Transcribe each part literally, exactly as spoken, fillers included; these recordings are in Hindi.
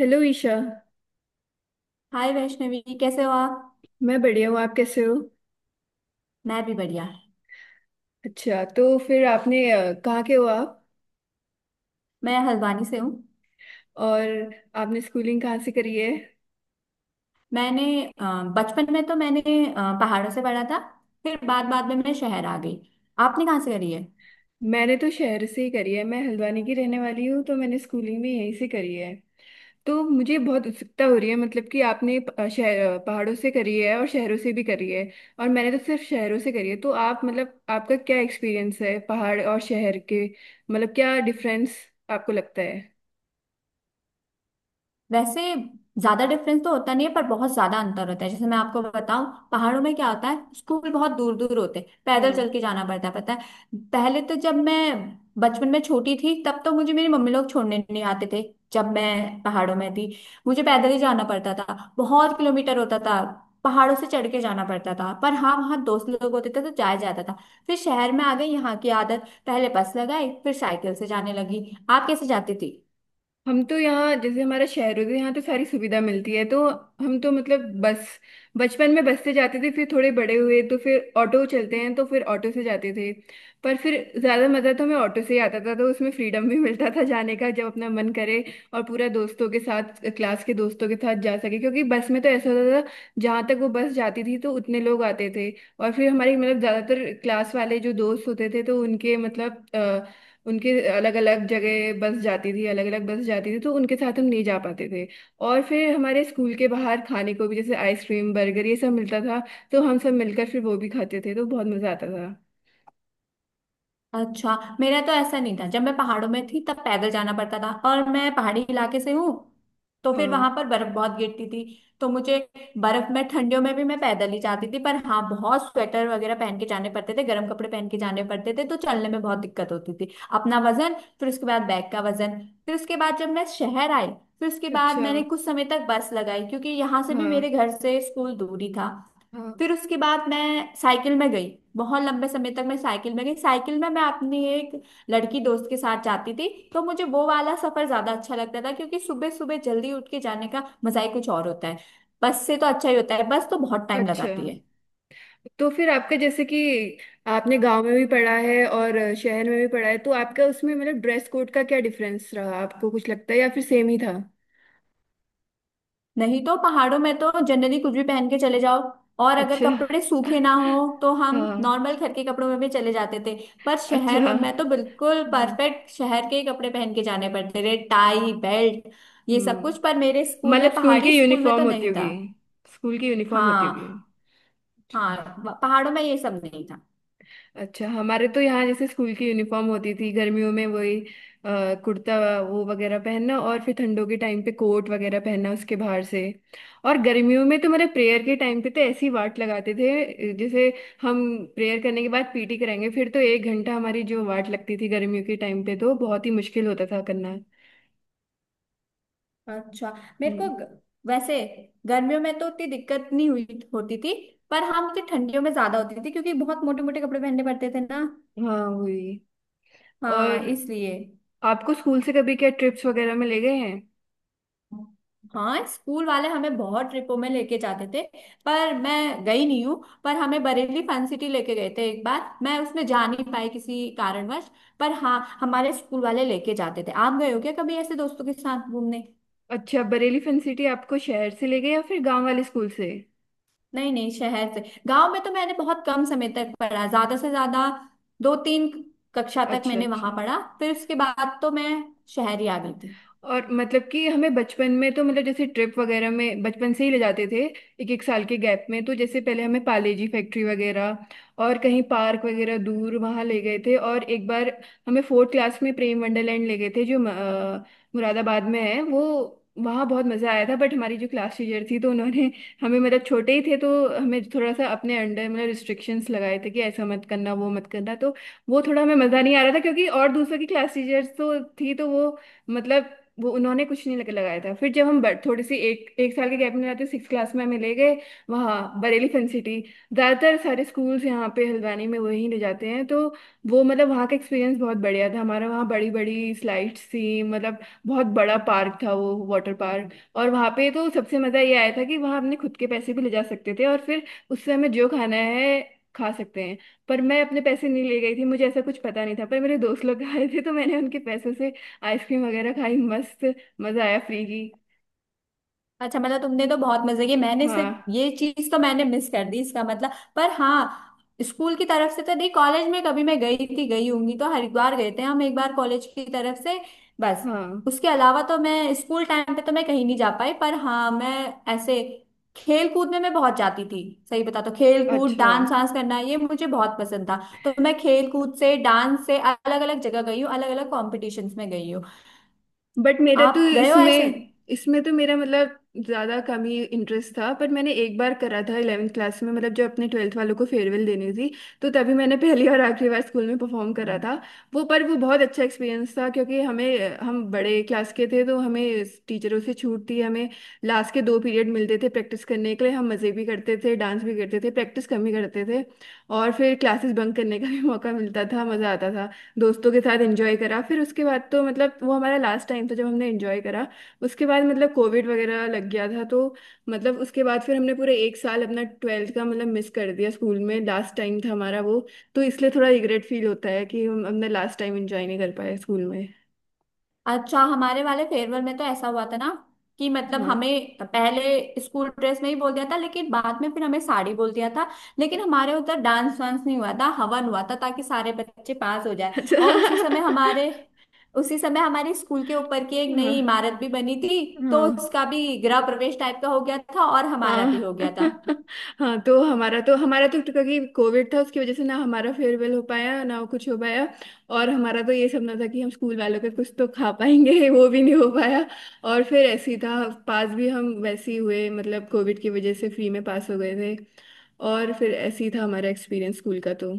हेलो ईशा। हाय वैष्णवी कैसे हो आप। मैं बढ़िया हूँ, आप कैसे हो? मैं भी बढ़िया। अच्छा तो फिर आपने अ, कहाँ के हो आप? मैं हल्द्वानी से हूँ। और आपने स्कूलिंग कहाँ से करी है? मैंने अ, बचपन में तो मैंने अ, पहाड़ों से पढ़ा था। फिर बाद बाद में मैं शहर आ गई। आपने कहाँ से करी है। मैंने तो शहर से ही करी है, मैं हल्द्वानी की रहने वाली हूँ, तो मैंने स्कूलिंग भी यहीं से करी है। तो मुझे बहुत उत्सुकता हो रही है, मतलब कि आपने प- अ, शहर अ, पहाड़ों से करी है और शहरों से भी करी है। और मैंने तो सिर्फ शहरों से करी है, तो आप मतलब आपका क्या एक्सपीरियंस है पहाड़ और शहर के, मतलब क्या डिफरेंस आपको लगता है? वैसे ज्यादा डिफरेंस तो होता नहीं है, पर बहुत ज्यादा अंतर होता है। जैसे मैं आपको बताऊं, पहाड़ों में क्या होता है, स्कूल बहुत दूर दूर होते हैं, पैदल हाँ। चल के जाना पड़ता है, पता है। पहले तो जब मैं बचपन में छोटी थी, तब तो मुझे मेरी मम्मी लोग छोड़ने नहीं आते थे। जब मैं पहाड़ों में थी, मुझे पैदल ही जाना पड़ता था। बहुत किलोमीटर होता था, पहाड़ों से चढ़ के जाना पड़ता था। पर हाँ, वहाँ दोस्त लोग होते थे तो जाया जाता था। फिर शहर में आ गई, यहाँ की आदत पहले बस लगाई, फिर साइकिल से जाने लगी। आप कैसे जाती थी। हम तो यहाँ जैसे हमारा शहर होता है तो यहाँ तो सारी सुविधा मिलती है, तो हम तो मतलब बस बचपन में बस से जाते थे। फिर थोड़े बड़े हुए तो फिर ऑटो चलते हैं, तो फिर ऑटो से जाते थे। पर फिर ज़्यादा मज़ा तो हमें ऑटो से ही आता था, तो उसमें फ्रीडम भी मिलता था जाने का, जब अपना मन करे। और पूरा दोस्तों के साथ, क्लास के दोस्तों के साथ जा सके, क्योंकि बस में तो ऐसा होता था, जहाँ तक वो बस जाती थी तो उतने लोग आते थे। और फिर हमारी मतलब ज़्यादातर क्लास वाले जो दोस्त होते थे, तो उनके मतलब उनके अलग अलग जगह बस जाती थी, अलग अलग बस जाती थी, तो उनके साथ हम नहीं जा पाते थे। और फिर हमारे स्कूल के बाहर खाने को भी, जैसे आइसक्रीम, बर्गर, ये सब मिलता था, तो हम सब मिलकर फिर वो भी खाते थे, तो बहुत मजा आता था। अच्छा, मेरा तो ऐसा नहीं था। जब मैं पहाड़ों में थी तब पैदल जाना पड़ता था, और मैं पहाड़ी इलाके से हूँ, तो फिर हाँ। वहां पर बर्फ बहुत गिरती थी। तो मुझे बर्फ में, ठंडियों में भी मैं पैदल ही जाती थी। पर हाँ, बहुत स्वेटर वगैरह पहन के जाने पड़ते थे, गर्म कपड़े पहन के जाने पड़ते थे, तो चलने में बहुत दिक्कत होती थी। अपना वजन, फिर उसके बाद बैग का वजन। फिर उसके बाद जब मैं शहर आई, फिर उसके बाद अच्छा। मैंने कुछ समय तक बस लगाई, क्योंकि यहाँ से भी मेरे हाँ। घर से स्कूल दूरी था। हाँ। फिर उसके बाद मैं साइकिल में गई, बहुत लंबे समय तक मैं साइकिल में गई। साइकिल में मैं अपनी एक लड़की दोस्त के साथ जाती थी। तो मुझे वो वाला सफर ज्यादा अच्छा लगता था, क्योंकि सुबह सुबह जल्दी उठ के जाने का मजा ही कुछ और होता है। बस से तो अच्छा ही होता है, बस तो बहुत टाइम अच्छा लगाती है। तो फिर आपका, जैसे कि आपने गांव में भी पढ़ा है और शहर में भी पढ़ा है, तो आपका उसमें मतलब ड्रेस कोड का क्या डिफरेंस रहा, आपको कुछ लगता है या फिर सेम ही था? नहीं तो पहाड़ों में तो जनरली कुछ भी पहन के चले जाओ, और अगर अच्छा। कपड़े सूखे ना हो तो हम हाँ। नॉर्मल घर के कपड़ों में भी चले जाते थे। पर अच्छा। शहर में तो बिल्कुल हम्म। परफेक्ट शहर के ही कपड़े पहन के जाने पड़ते थे, टाई बेल्ट, ये सब कुछ। पर हम्म। मेरे स्कूल में, मतलब स्कूल की पहाड़ी स्कूल में यूनिफॉर्म तो होती नहीं होगी। था। स्कूल की यूनिफॉर्म होती होगी। हाँ। हाँ, पहाड़ों में ये सब नहीं था। अच्छा, हमारे तो यहाँ जैसे स्कूल की यूनिफॉर्म होती थी, गर्मियों में वही अ, कुर्ता वो वगैरह पहनना, और फिर ठंडों के टाइम पे कोट वगैरह पहनना उसके बाहर से। और गर्मियों में तो मेरे प्रेयर के टाइम पे तो ऐसी वाट लगाते थे, जैसे हम प्रेयर करने के बाद पीटी कराएंगे, फिर तो एक घंटा हमारी जो वाट लगती थी गर्मियों के टाइम पे, तो बहुत ही मुश्किल होता था करना। अच्छा। मेरे को हम्म। ग- वैसे गर्मियों में तो उतनी दिक्कत नहीं हुई होती थी। पर हाँ, मुझे ठंडियों में ज्यादा होती थी, क्योंकि बहुत मोटे मोटे कपड़े पहनने पड़ते थे ना। हाँ, वही। और हाँ, इसलिए। आपको स्कूल से कभी क्या ट्रिप्स वगैरह में ले गए हैं? हाँ, स्कूल वाले हमें बहुत ट्रिपों में लेके जाते थे, पर मैं गई नहीं हूँ। पर हमें बरेली फन सिटी लेके गए थे एक बार, मैं उसमें जा नहीं पाई किसी कारणवश। पर हाँ, हमारे स्कूल वाले लेके जाते थे। आप गए हो क्या कभी ऐसे दोस्तों के साथ घूमने। अच्छा, बरेली फन सिटी आपको शहर से ले गए या फिर गांव वाले स्कूल से? नहीं नहीं, शहर से। गांव में तो मैंने बहुत कम समय तक पढ़ा, ज्यादा से ज्यादा दो तीन कक्षा तक अच्छा। मैंने वहां अच्छा। पढ़ा, फिर उसके बाद तो मैं शहर ही आ गई थी। और मतलब कि हमें बचपन में तो मतलब जैसे ट्रिप वगैरह में बचपन से ही ले जाते थे। एक एक साल के गैप में तो जैसे पहले हमें पाले जी फैक्ट्री वगैरह और कहीं पार्क वगैरह दूर वहाँ ले गए थे। और एक बार हमें फोर्थ क्लास में प्रेम वंडरलैंड ले गए थे, जो अ, मुरादाबाद में है। वो वहाँ बहुत मज़ा आया था। बट हमारी जो क्लास टीचर थी तो उन्होंने हमें, मतलब छोटे ही थे तो हमें थोड़ा सा अपने अंडर मतलब रिस्ट्रिक्शंस लगाए थे, कि ऐसा मत करना वो मत करना, तो वो थोड़ा हमें मज़ा नहीं आ रहा था। क्योंकि और दूसरों की क्लास टीचर्स तो थी, तो वो मतलब वो उन्होंने कुछ नहीं लग- लगाया था। फिर जब हम बर- थोड़ी सी एक एक साल के गैप में जाते सिक्स क्लास में हमें ले गए वहाँ बरेली फन सिटी। ज़्यादातर सारे स्कूल्स यहाँ पे हल्द्वानी में वहीं ले जाते हैं, तो वो मतलब वहाँ का एक्सपीरियंस बहुत बढ़िया था हमारा। वहाँ बड़ी बड़ी स्लाइड्स थी, मतलब बहुत बड़ा पार्क था वो, वाटर पार्क। और वहाँ पे तो सबसे मज़ा ये आया था कि वहाँ अपने खुद के पैसे भी ले जा सकते थे, और फिर उससे हमें जो खाना है खा सकते हैं। पर मैं अपने पैसे नहीं ले गई थी, मुझे ऐसा कुछ पता नहीं था। पर मेरे दोस्त लोग आए थे, तो मैंने उनके पैसों से आइसक्रीम वगैरह खाई, मस्त मजा आया, फ्री की। अच्छा, मतलब तुमने तो बहुत मजे किए। मैंने सिर्फ हाँ। ये चीज तो मैंने मिस कर दी इसका मतलब। पर हाँ, स्कूल की तरफ से तो नहीं, कॉलेज में कभी मैं गई थी, गई होंगी तो हरिद्वार गए थे हम एक बार कॉलेज की तरफ से, बस। हाँ। उसके अलावा तो मैं स्कूल टाइम पे तो मैं कहीं नहीं जा पाई। पर हाँ, मैं ऐसे खेल कूद में मैं बहुत जाती थी। सही बता तो खेल कूद, अच्छा। डांस वांस करना, ये मुझे बहुत पसंद था। तो मैं खेल कूद से, डांस से अलग अलग जगह गई हूँ, अलग अलग कॉम्पिटिशन्स में गई हूँ। बट मेरा तो आप गए हो ऐसे। इसमें इसमें तो मेरा मतलब ज्यादा कम ही इंटरेस्ट था। पर मैंने एक बार करा था इलेवेंथ क्लास में, मतलब जब अपने ट्वेल्थ वालों को फेयरवेल देनी थी, तो तभी मैंने पहली और आखिरी बार स्कूल में परफॉर्म करा था। वो पर वो बहुत अच्छा एक्सपीरियंस था, क्योंकि हमें, हम बड़े क्लास के थे तो हमें टीचरों से छूट थी। हमें लास्ट के दो पीरियड मिलते थे प्रैक्टिस करने के लिए। हम मज़े भी करते थे, डांस भी करते थे, प्रैक्टिस कम ही करते थे। और फिर क्लासेस बंक करने का भी मौका मिलता था, मज़ा आता था। दोस्तों के साथ एंजॉय करा। फिर उसके बाद तो मतलब वो हमारा लास्ट टाइम था जब हमने एंजॉय करा। उसके बाद मतलब कोविड वगैरह लग गया था, तो मतलब उसके बाद फिर हमने पूरे एक साल अपना ट्वेल्थ का मतलब मिस कर दिया। स्कूल में लास्ट टाइम था हमारा वो, तो इसलिए थोड़ा रिग्रेट फील होता है कि हम अपना लास्ट टाइम एंजॉय नहीं कर पाए स्कूल में। अच्छा, हमारे वाले फेयरवेल में तो ऐसा हुआ था ना, कि मतलब हाँ। हमें पहले स्कूल ड्रेस में ही बोल दिया था, लेकिन बाद में फिर हमें साड़ी बोल दिया था। लेकिन हमारे उधर डांस वांस नहीं हुआ था, हवन हुआ था, ताकि सारे बच्चे पास हो जाए। और उसी अच्छा। समय हमारे उसी समय हमारे स्कूल के ऊपर की एक नई हाँ। इमारत भी बनी थी, तो हाँ। उसका भी गृह प्रवेश टाइप का हो गया था, और हमारा भी हो हाँ। गया था। हाँ। तो हमारा तो हमारा तो क्योंकि कोविड था उसकी वजह से, ना हमारा फेयरवेल हो पाया ना कुछ हो पाया। और हमारा तो ये सपना था कि हम स्कूल वालों के कुछ तो खा पाएंगे, वो भी नहीं हो पाया। और फिर ऐसे ही था, पास भी हम वैसे ही हुए, मतलब कोविड की वजह से फ्री में पास हो गए थे। और फिर ऐसे ही था हमारा एक्सपीरियंस स्कूल का तो।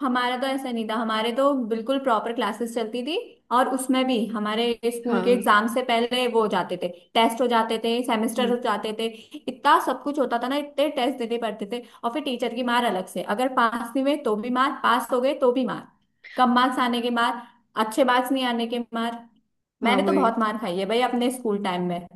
हमारा तो ऐसा नहीं था, हमारे तो बिल्कुल प्रॉपर क्लासेस चलती थी। और उसमें भी हमारे स्कूल के हाँ। एग्जाम से पहले वो हो जाते थे, टेस्ट हो जाते थे, सेमेस्टर हाँ। हो जाते थे। इतना सब कुछ होता था ना, इतने टेस्ट देने पड़ते थे। और फिर टीचर की मार अलग से, अगर पास नहीं हुए तो भी मार, पास हो गए तो भी मार, कम मार्क्स आने के मार, अच्छे मार्क्स नहीं आने के मार। हाँ, मैंने तो वही। बहुत मार खाई है भाई अपने स्कूल टाइम में।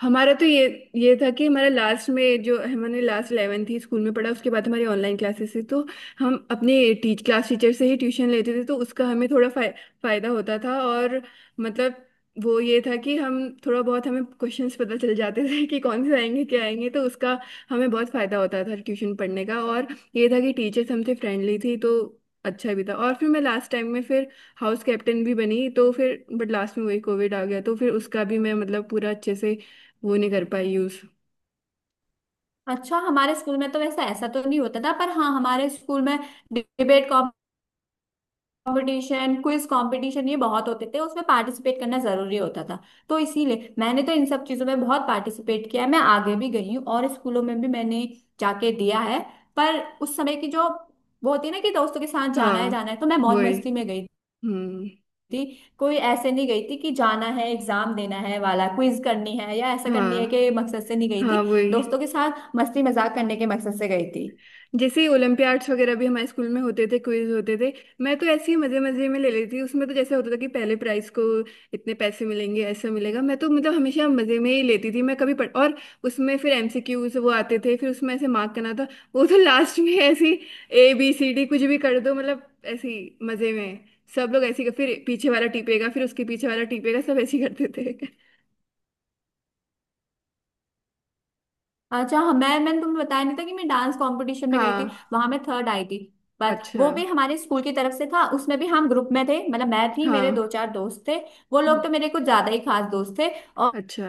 हमारा तो ये ये था कि हमारा लास्ट में जो हमने लास्ट इलेवन थी स्कूल में पढ़ा, उसके बाद हमारी ऑनलाइन क्लासेस थी तो। हम अपने टीच क्लास टीचर से ही ट्यूशन लेते थे, तो उसका हमें थोड़ा फाय, फायदा होता था। और मतलब वो ये था कि हम थोड़ा बहुत हमें क्वेश्चंस पता चल जाते थे कि कौन से आएंगे क्या आएंगे, तो उसका हमें बहुत फायदा होता था ट्यूशन पढ़ने का। और ये था कि टीचर्स हमसे फ्रेंडली थी तो अच्छा भी था। और फिर मैं लास्ट टाइम में फिर हाउस कैप्टन भी बनी, तो फिर बट लास्ट में वही कोविड आ गया, तो फिर उसका भी मैं मतलब पूरा अच्छे से वो नहीं कर पाई यूज। अच्छा, हमारे स्कूल में तो वैसा ऐसा तो नहीं होता था। पर हाँ, हमारे स्कूल में डिबेट कंपटीशन, क्विज कंपटीशन ये बहुत होते थे, उसमें पार्टिसिपेट करना जरूरी होता था। तो इसीलिए मैंने तो इन सब चीजों में बहुत पार्टिसिपेट किया है, मैं आगे भी गई हूँ और स्कूलों में भी मैंने जाके दिया है। पर उस समय की जो वो होती है ना, कि दोस्तों के साथ जाना है हाँ, जाना है, तो मैं मौज वही। मस्ती में गई हम्म। थी। कोई ऐसे नहीं गई थी कि जाना है, एग्जाम देना है वाला, क्विज करनी है या ऐसा करनी है, हाँ। कि मकसद से नहीं गई हाँ, थी। वही। दोस्तों के साथ मस्ती मजाक करने के मकसद से गई थी। जैसे ही ओलंपियाड्स वगैरह भी हमारे स्कूल में होते थे, क्विज होते थे। मैं तो ऐसे ही मजे मजे में ले लेती। उसमें तो जैसे होता था कि पहले प्राइस को इतने पैसे मिलेंगे, ऐसा मिलेगा, मैं तो मतलब हमेशा मजे में ही लेती थी, मैं कभी पढ़ और। उसमें फिर एम सी क्यूज वो आते थे, फिर उसमें ऐसे मार्क करना था। वो तो लास्ट में ऐसी ए बी सी डी कुछ भी कर दो, मतलब ऐसी मजे में। सब लोग ऐसी फिर पीछे वाला टीपेगा, फिर उसके पीछे वाला टीपेगा, सब ऐसे ही करते थे। अच्छा हाँ, मैं मैंने तुम्हें बताया नहीं था कि मैं डांस कंपटीशन में गई थी, हाँ। वहां मैं थर्ड आई थी। बट अच्छा। वो भी हमारे स्कूल की तरफ से था, उसमें भी हम ग्रुप में थे, मतलब मैं थी, मेरे दो हाँ। चार दोस्त थे। वो हम्म। लोग तो मेरे कुछ ज्यादा ही खास दोस्त थे। अच्छा।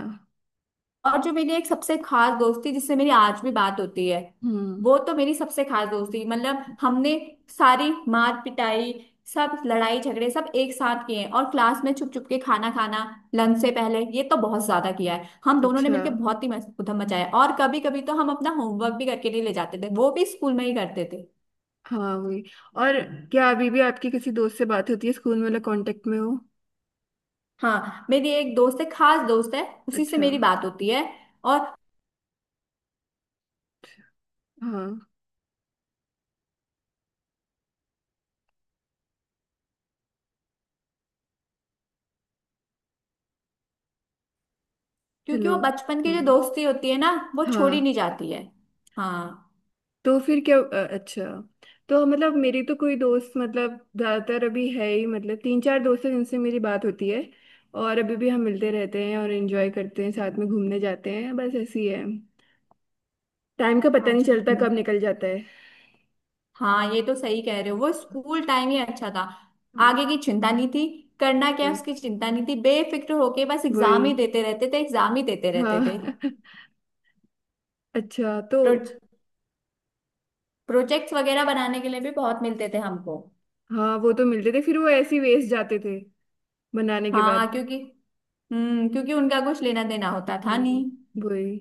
और जो मेरी एक सबसे खास दोस्ती, जिससे मेरी आज भी बात होती है, हम्म। वो तो मेरी सबसे खास दोस्ती, मतलब हमने सारी मार पिटाई, सब लड़ाई झगड़े, सब एक साथ किए हैं। और क्लास में छुप छुप के खाना खाना, लंच से पहले, ये तो बहुत ज्यादा किया है हम दोनों ने अच्छा। मिलकर। बहुत ही मस- उधम मचाया है। और कभी कभी तो हम अपना होमवर्क भी करके नहीं ले जाते थे, वो भी स्कूल में ही करते थे। हाँ, वही। और क्या अभी भी आपकी किसी दोस्त से बात होती है, स्कूल में वाला कांटेक्ट में हो? हाँ, मेरी एक दोस्त है, खास दोस्त है, उसी से अच्छा। मेरी बात होती है। और अच्छा। हाँ। क्योंकि हेलो। वो बचपन की जो हम्म। दोस्ती होती है ना, वो छोड़ी हाँ। नहीं जाती है। हाँ। तो फिर क्या, अ, अच्छा, तो मतलब मेरी तो कोई दोस्त मतलब ज़्यादातर अभी है ही, मतलब तीन चार दोस्त हैं जिनसे मेरी बात होती है। और अभी भी हम मिलते रहते हैं और एंजॉय करते हैं, साथ में घूमने जाते हैं, बस ऐसी है। टाइम का पता नहीं अच्छा। चलता मैं- कब निकल जाता है। हाँ, ये तो सही कह रहे हो, वो स्कूल टाइम ही अच्छा था। हाँ, आगे की चिंता नहीं थी, करना क्या है उसकी चिंता नहीं थी, बेफिक्र होके बस वही। एग्जाम ही देते रहते थे, एग्जाम ही देते रहते थे। हाँ। अच्छा तो प्रो, प्रोजेक्ट्स वगैरह बनाने के लिए भी बहुत मिलते थे हमको। हाँ, वो तो मिलते थे, फिर वो ऐसे ही वेस्ट जाते थे बनाने के बाद। हाँ, क्योंकि हम्म क्योंकि उनका कुछ लेना देना होता था हाँ, नहीं। वही।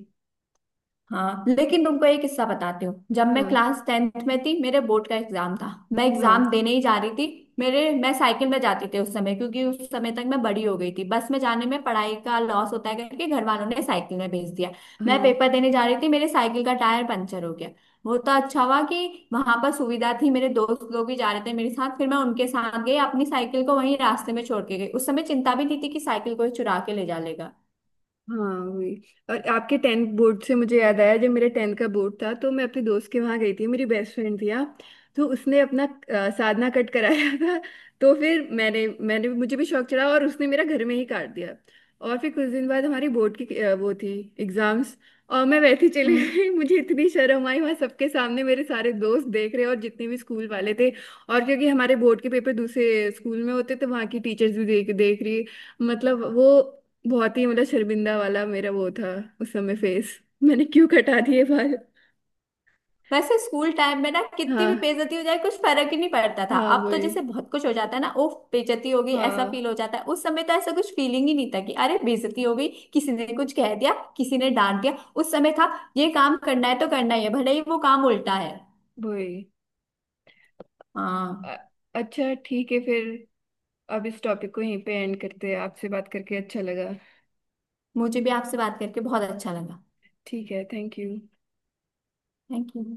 हाँ, लेकिन तुमको एक किस्सा बताती हूँ। जब मैं हाँ। क्लास टेंथ में थी, मेरे बोर्ड का एग्जाम था, मैं हाँ। एग्जाम देने ही जा रही थी। मेरे मैं साइकिल में जाती थी उस समय, क्योंकि उस समय तक मैं बड़ी हो गई थी, बस में जाने में पढ़ाई का लॉस होता है करके घर वालों ने साइकिल में भेज दिया। मैं हाँ। पेपर देने जा रही थी, मेरे साइकिल का टायर पंचर हो गया। वो तो अच्छा हुआ कि वहां पर सुविधा थी, मेरे दोस्त लोग भी जा रहे थे मेरे साथ, फिर मैं उनके साथ गई, अपनी साइकिल को वहीं रास्ते में छोड़ के गई। उस समय चिंता भी नहीं थी कि साइकिल कोई चुरा के ले जा लेगा। हाँ, वही। और आपके टेंथ बोर्ड से मुझे याद आया, जब मेरे टेंथ का बोर्ड था तो मैं अपने दोस्त के वहाँ गई थी, मेरी बेस्ट फ्रेंड थी, हाँ। तो उसने अपना अ, साधना कट कराया था। तो फिर मैंने मैंने मुझे भी शौक चढ़ा, और उसने मेरा घर में ही काट दिया। और फिर कुछ दिन बाद हमारी बोर्ड की अ, वो थी, एग्जाम्स, और मैं वैसे ही चली हम्म। गई। मुझे इतनी शर्म आई वहाँ सबके सामने, मेरे सारे दोस्त देख रहे और जितने भी स्कूल वाले थे। और क्योंकि हमारे बोर्ड के पेपर दूसरे स्कूल में होते, तो वहाँ की टीचर्स भी देख देख रही, मतलब वो बहुत ही, मतलब शर्मिंदा वाला मेरा वो था उस समय फेस। मैंने क्यों कटा दिए बाल। वैसे स्कूल टाइम में ना कितनी भी हाँ। बेइज्जती हो जाए कुछ फर्क ही नहीं पड़ता था। हाँ, अब तो वही। जैसे बहुत कुछ हो जाता है ना, उफ, बेइज्जती हो गई, ऐसा हाँ, फील हो जाता है। उस समय तो ऐसा कुछ फीलिंग ही नहीं था कि अरे बेइज्जती हो गई, किसी ने कुछ कह दिया, किसी ने डांट दिया। उस समय था ये काम करना है तो करना ही है, भले ही वो काम उल्टा है। वही। अ- हाँ। अच्छा ठीक है फिर। अब इस टॉपिक को यहीं पे एंड करते हैं, आपसे बात करके अच्छा लगा। मुझे भी आपसे बात करके बहुत अच्छा लगा। ठीक है, थैंक यू। Thank you.